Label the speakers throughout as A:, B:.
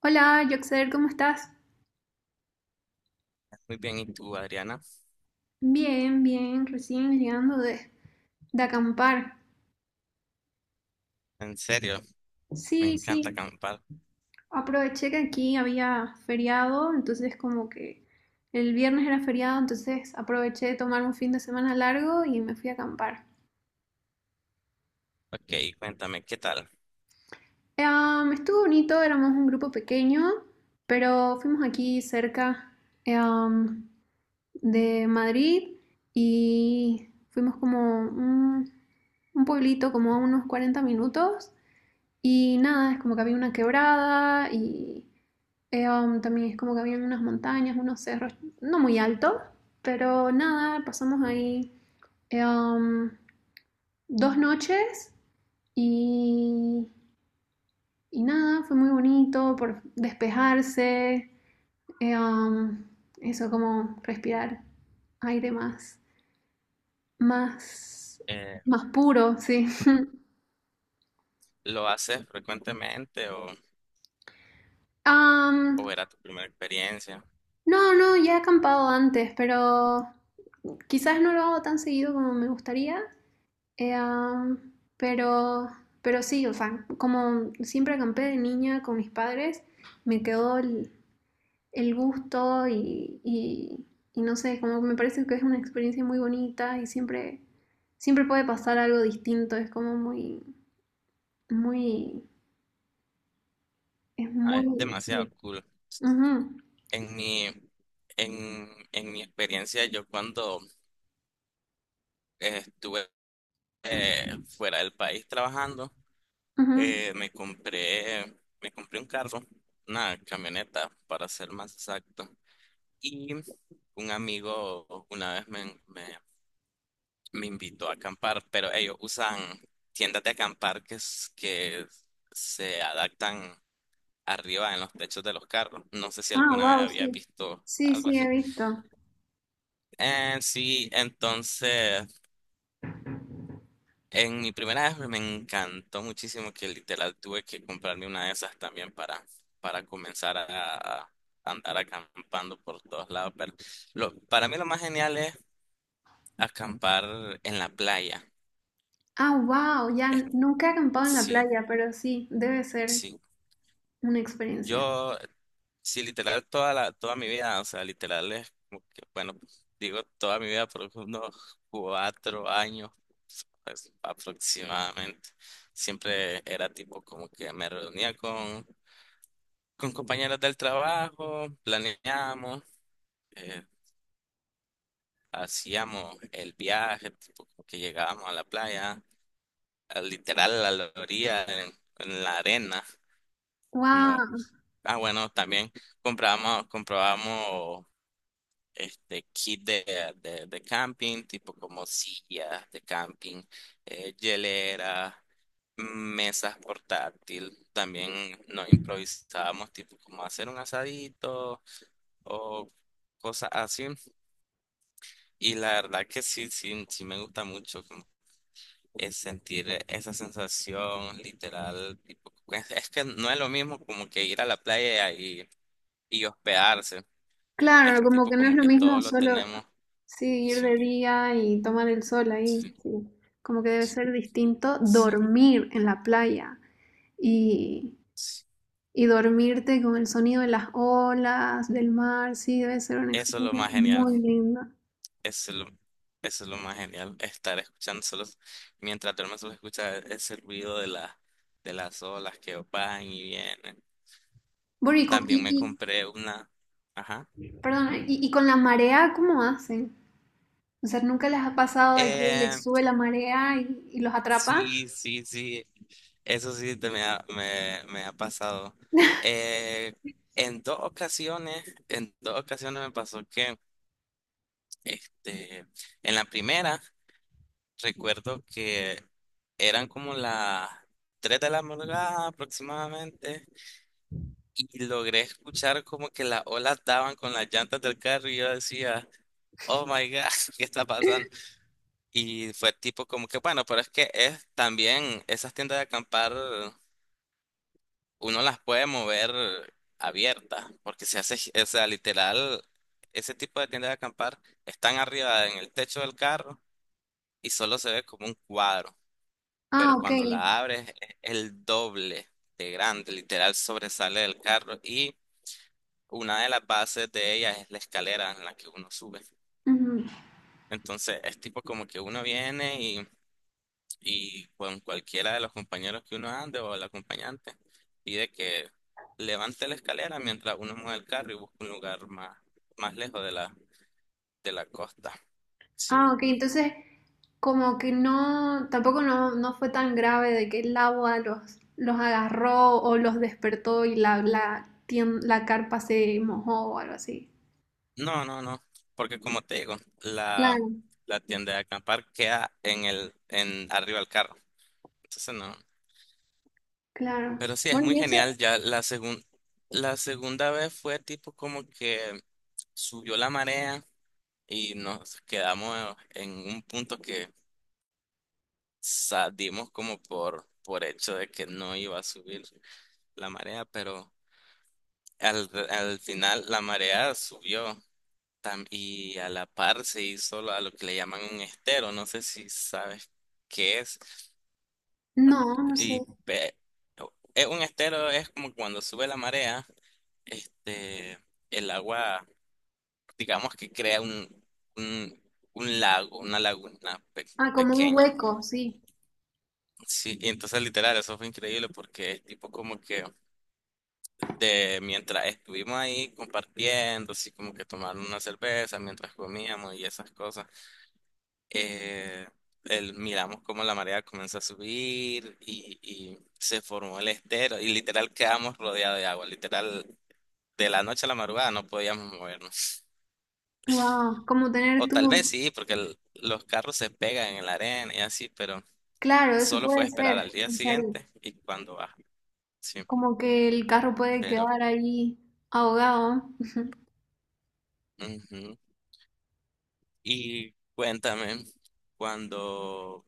A: Hola, Joxer, ¿cómo estás?
B: Muy bien, ¿y tú, Adriana?
A: Bien, bien, recién llegando de acampar.
B: En serio, me
A: Sí,
B: encanta
A: sí,
B: acampar.
A: aproveché que aquí había feriado, entonces como que el viernes era feriado, entonces aproveché de tomar un fin de semana largo y me fui a acampar.
B: Ok, cuéntame, ¿qué tal?
A: Estuvo bonito, éramos un grupo pequeño, pero fuimos aquí cerca em, de Madrid y fuimos como un pueblito como a unos 40 minutos. Y nada, es como que había una quebrada y también es como que había unas montañas, unos cerros, no muy altos, pero nada, pasamos ahí eh, um, dos noches y, y nada, fue muy bonito por despejarse, eh, um, eso como respirar aire más,
B: Eh,
A: más puro, sí.
B: ¿Lo haces frecuentemente o
A: Um,
B: era tu primera experiencia?
A: no, no, ya he acampado antes, pero quizás no lo hago tan seguido como me gustaría, eh, um, pero, pero sí, o sea, como siempre acampé de niña con mis padres, me quedó el gusto y, no sé, como me parece que es una experiencia muy bonita y siempre, siempre puede pasar algo distinto, es como muy, es
B: Ah, es
A: muy,
B: demasiado
A: sí.
B: cool.
A: Ujú,
B: En mi, en mi experiencia, yo cuando estuve eh, fuera del país trabajando,
A: ujú.
B: me compré un carro, una camioneta, para ser más exacto. Y un amigo una vez me invitó a acampar, pero ellos usan tiendas de acampar que, que se adaptan arriba en los techos de los carros. No sé si
A: Ah,
B: alguna vez
A: wow,
B: había
A: sí.
B: visto
A: Sí,
B: algo
A: sí, he
B: así.
A: visto.
B: Sí, entonces en mi primera vez me encantó muchísimo que literal tuve que comprarme una de esas también para comenzar a andar acampando por todos lados. Pero para mí lo más genial es acampar en la playa.
A: Ah, wow, ya
B: Es-
A: nunca he acampado en la
B: Sí,
A: playa, pero sí, debe ser
B: sí.
A: una experiencia.
B: Yo sí, literal, toda mi vida, o sea, literal es como que, bueno, pues, digo toda mi vida, por unos 4 años pues, aproximadamente. Siempre era tipo como que con compañeras del trabajo, planeábamos, eh, hacíamos el viaje, tipo como que llegábamos a la playa, literal a la orilla, en la arena, no.
A: Wow,
B: Ah, bueno, también comprábamos este kit de camping, tipo como sillas de camping, hielera, mesas portátil. También nos improvisábamos, tipo como hacer un asadito o cosas así. Y la verdad que sí, sí, sí me gusta mucho como es sentir esa sensación literal. Tipo, es que no es lo mismo como que ir a la playa y hospedarse.
A: claro,
B: Es
A: como
B: tipo
A: que no es
B: como
A: lo
B: que todo
A: mismo
B: lo
A: solo,
B: tenemos.
A: sí, ir
B: Sí,
A: de día y tomar el sol ahí,
B: sí,
A: sí. Como que debe
B: sí.
A: ser distinto
B: Sí.
A: dormir en la playa y, y dormirte con el sonido de las olas, del mar, sí, debe ser una
B: Eso es lo
A: experiencia
B: más genial.
A: muy linda.
B: Eso es lo, eso es lo más genial. Estar escuchando solo, mientras duermes solo escucha ese ruido de de las olas que van y vienen.
A: Bueno,
B: También me compré una. Ajá.
A: perdón, y con la marea, ¿cómo hacen? O sea, ¿nunca les ha pasado de que
B: Eh,
A: les sube la marea y los atrapa?
B: sí, sí, sí. Eso sí te me ha, me ha pasado. Eh, en dos ocasiones me pasó este, en la primera. Recuerdo que eran como las 3 de la madrugada aproximadamente y logré escuchar como que las olas daban con las llantas del carro y yo decía, oh my God, ¿qué está pasando? Y fue tipo como que, bueno, pero es que es también esas tiendas de acampar, uno las puede mover abiertas, porque se hace, o sea, literal, ese tipo de tiendas de acampar están arriba en el techo del carro y solo se ve como un cuadro. Pero
A: Ah, ok.
B: cuando la abres es el doble de grande, literal sobresale del carro y una de las bases de ella es la escalera en la que uno sube.
A: Ujú.
B: Entonces es tipo como que uno viene y con cualquiera de los compañeros que uno ande o el acompañante pide que levante la escalera mientras uno mueve el carro y busca un lugar más, más lejos de de la costa. Sí.
A: Ah, ok, entonces como que no, tampoco no, no fue tan grave de que el agua los agarró o los despertó y la carpa se mojó o algo así.
B: No, no, no, porque como te digo, la,
A: Claro,
B: la tienda de acampar queda en en arriba del carro. Entonces no.
A: claro.
B: Pero sí, es
A: Bueno,
B: muy
A: y eso,
B: genial. Ya la segunda vez fue tipo como que subió la marea y nos quedamos en un punto que salimos como por hecho de que no iba a subir la marea, pero al final la marea subió y a la par se hizo a lo que le llaman un estero. No sé si sabes qué es.
A: no, no sé.
B: Y pe- es un estero es como cuando sube la marea. Este, el agua, digamos que crea un, un lago, una laguna
A: Ah, como un
B: pequeña.
A: hueco, sí.
B: Sí, y entonces literal, eso fue increíble porque es tipo como que de mientras estuvimos ahí compartiendo, así como que tomando una cerveza mientras comíamos y esas cosas, eh, miramos como la marea comenzó a subir y se formó el estero y literal quedamos rodeados de agua, literal de la noche a la madrugada no podíamos movernos.
A: Wow, como tener
B: O tal vez
A: tú.
B: sí, porque los carros se pegan en la arena y así, pero
A: Claro, eso
B: solo fue
A: puede
B: esperar al
A: ser.
B: día
A: O sea,
B: siguiente y cuando baja. Sí,
A: como que el carro puede
B: pero.
A: quedar ahí ahogado.
B: Ujú. Y cuéntame, cuando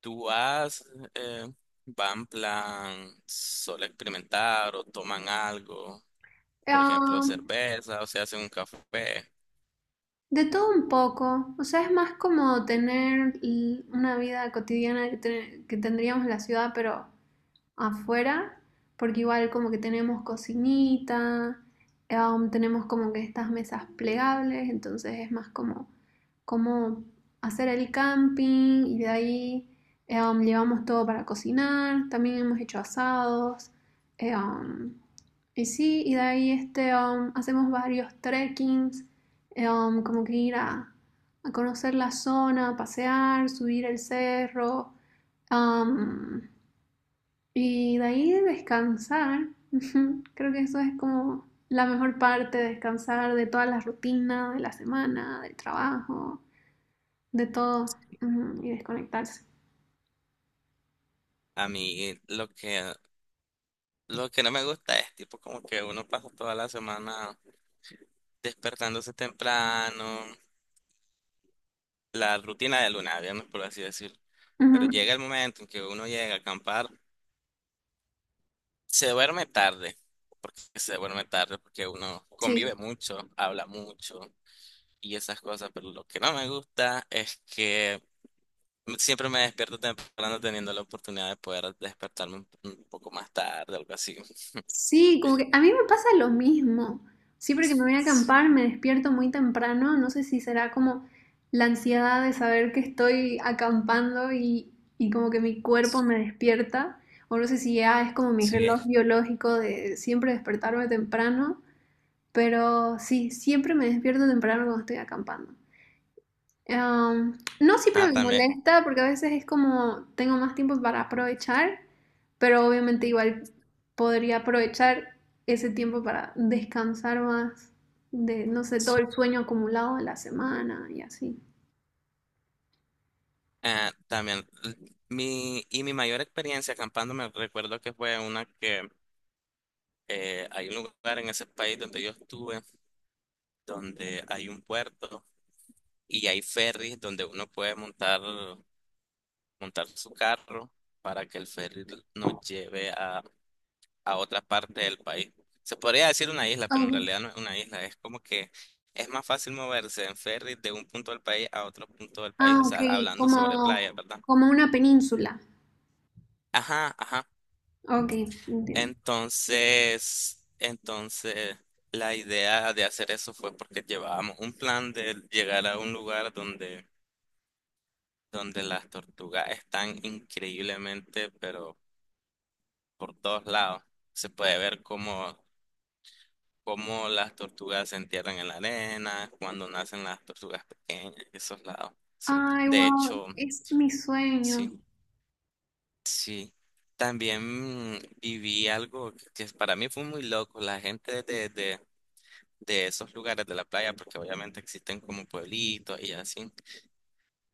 B: tú vas, eh, va en plan solo experimentar o toman algo, por ejemplo,
A: Ah,
B: cerveza o se hacen un café.
A: de todo un poco, o sea, es más como tener una vida cotidiana que tendríamos en la ciudad, pero afuera, porque igual como que tenemos cocinita, tenemos como que estas mesas plegables, entonces es más como hacer el camping y de ahí llevamos todo para cocinar, también hemos hecho asados, eh, um, y sí, y de ahí este, hacemos varios trekkings, como que ir a conocer la zona, pasear, subir el cerro, um, y de ahí de descansar, creo que eso es como la mejor parte, descansar de todas las rutinas de la semana, del trabajo, de todo, ujú, y desconectarse.
B: A mí lo que no me gusta es tipo como que uno pasa toda la semana despertándose temprano. La rutina de luna, viernes, por así decir. Pero
A: Ujú,
B: llega el momento en que uno llega a acampar, se duerme tarde, porque se duerme tarde, porque uno
A: sí,
B: convive mucho, habla mucho y esas cosas, pero lo que no me gusta es que siempre me despierto temprano teniendo la oportunidad de poder despertarme un poco más tarde, algo así.
A: sí, como que a mí me pasa lo mismo. Siempre que me voy a
B: Sí,
A: acampar me despierto muy temprano, no sé si será como la ansiedad de saber que estoy acampando y como que mi cuerpo me despierta, o no sé si ya es como mi
B: sí,
A: reloj
B: es.
A: biológico de siempre despertarme temprano. Pero sí, siempre me despierto temprano cuando estoy acampando. Am, no siempre
B: Ah,
A: me
B: también.
A: molesta porque a veces es como tengo más tiempo para aprovechar, pero obviamente igual podría aprovechar ese tiempo para descansar más de, no sé, todo
B: Sí.
A: el sueño acumulado de la semana y así.
B: Ah, también. Y mi mayor experiencia acampando me recuerdo que fue una que hay un lugar en ese país donde yo estuve, donde hay un puerto y hay ferries donde uno puede montar su carro para que el ferry nos lleve a otra parte del país. Se podría decir una isla, pero en
A: Ok.
B: realidad no es una isla, es como que es más fácil moverse en ferry de un punto del país a otro punto del país,
A: Ah,
B: o
A: ok,
B: sea, hablando sobre playa,
A: como,
B: ¿verdad?
A: como una península.
B: Ajá, ajá.
A: Ok, entiendo.
B: Entonces la idea de hacer eso fue porque llevábamos un plan de llegar a un lugar donde las tortugas están increíblemente, pero por todos lados. Se puede ver cómo, cómo las tortugas se entierran en la arena, cuando nacen las tortugas pequeñas, esos lados. Sí.
A: Ay,
B: De
A: wow,
B: hecho,
A: es mi sueño.
B: sí, sí. También viví algo que para mí fue muy loco. La gente de de esos lugares de la playa, porque obviamente existen como pueblitos y así,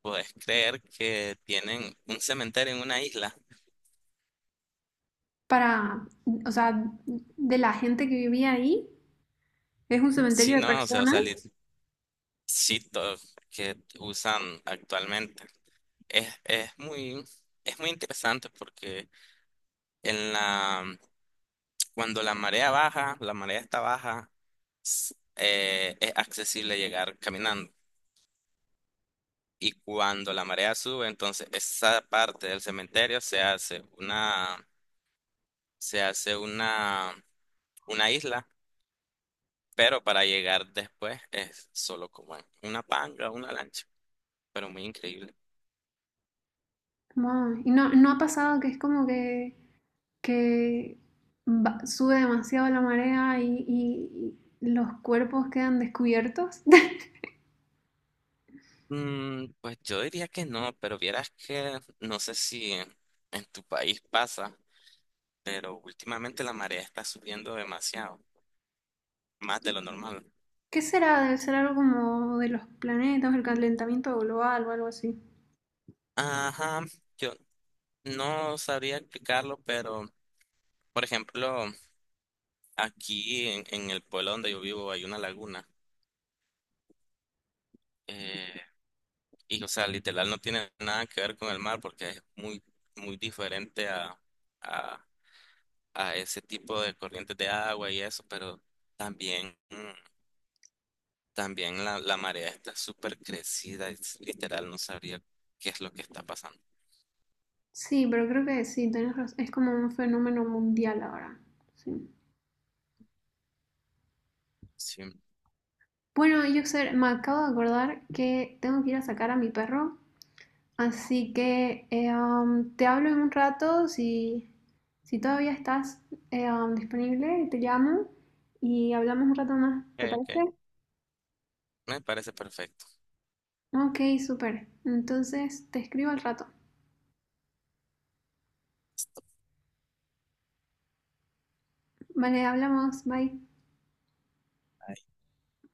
B: puedes creer que tienen un cementerio en una isla.
A: Para, o sea, de la gente que vivía ahí. Es un cementerio
B: Sí,
A: de
B: no, o
A: personas.
B: sea, sí, que usan actualmente. Es, es muy, es muy interesante porque en la, cuando la marea baja, la marea está baja, es accesible llegar caminando. Y cuando la marea sube, entonces esa parte del cementerio se hace una isla, pero para llegar después es solo como en una panga, una lancha, pero muy increíble.
A: Wow. Y no, no ha pasado que es como que sube demasiado la marea y los cuerpos quedan descubiertos.
B: Mm, pues yo diría que no, pero vieras que no sé si en tu país pasa, pero últimamente la marea está subiendo demasiado, más de lo normal.
A: ¿Qué será? Debe ser algo como de los planetas, el calentamiento global o algo así.
B: Ajá, yo no sabría explicarlo, pero por ejemplo, aquí en el pueblo donde yo vivo hay una laguna. eh, Y, o sea, literal no tiene nada que ver con el mar porque es muy, muy diferente a, a ese tipo de corrientes de agua y eso, pero también, mm, también la marea está súper crecida, es, literal no sabría qué es lo que está pasando.
A: Sí, pero creo que sí, tenés razón. Es como un fenómeno mundial ahora. Sí.
B: Sí, ok,
A: Bueno, yo me acabo de acordar que tengo que ir a sacar a mi perro, así que te hablo en un rato si, si todavía estás disponible, te llamo y hablamos un rato más, ¿te
B: ok,
A: parece?
B: me parece perfecto.
A: Ok, súper. Entonces te escribo al rato. Vale, hablamos, bye.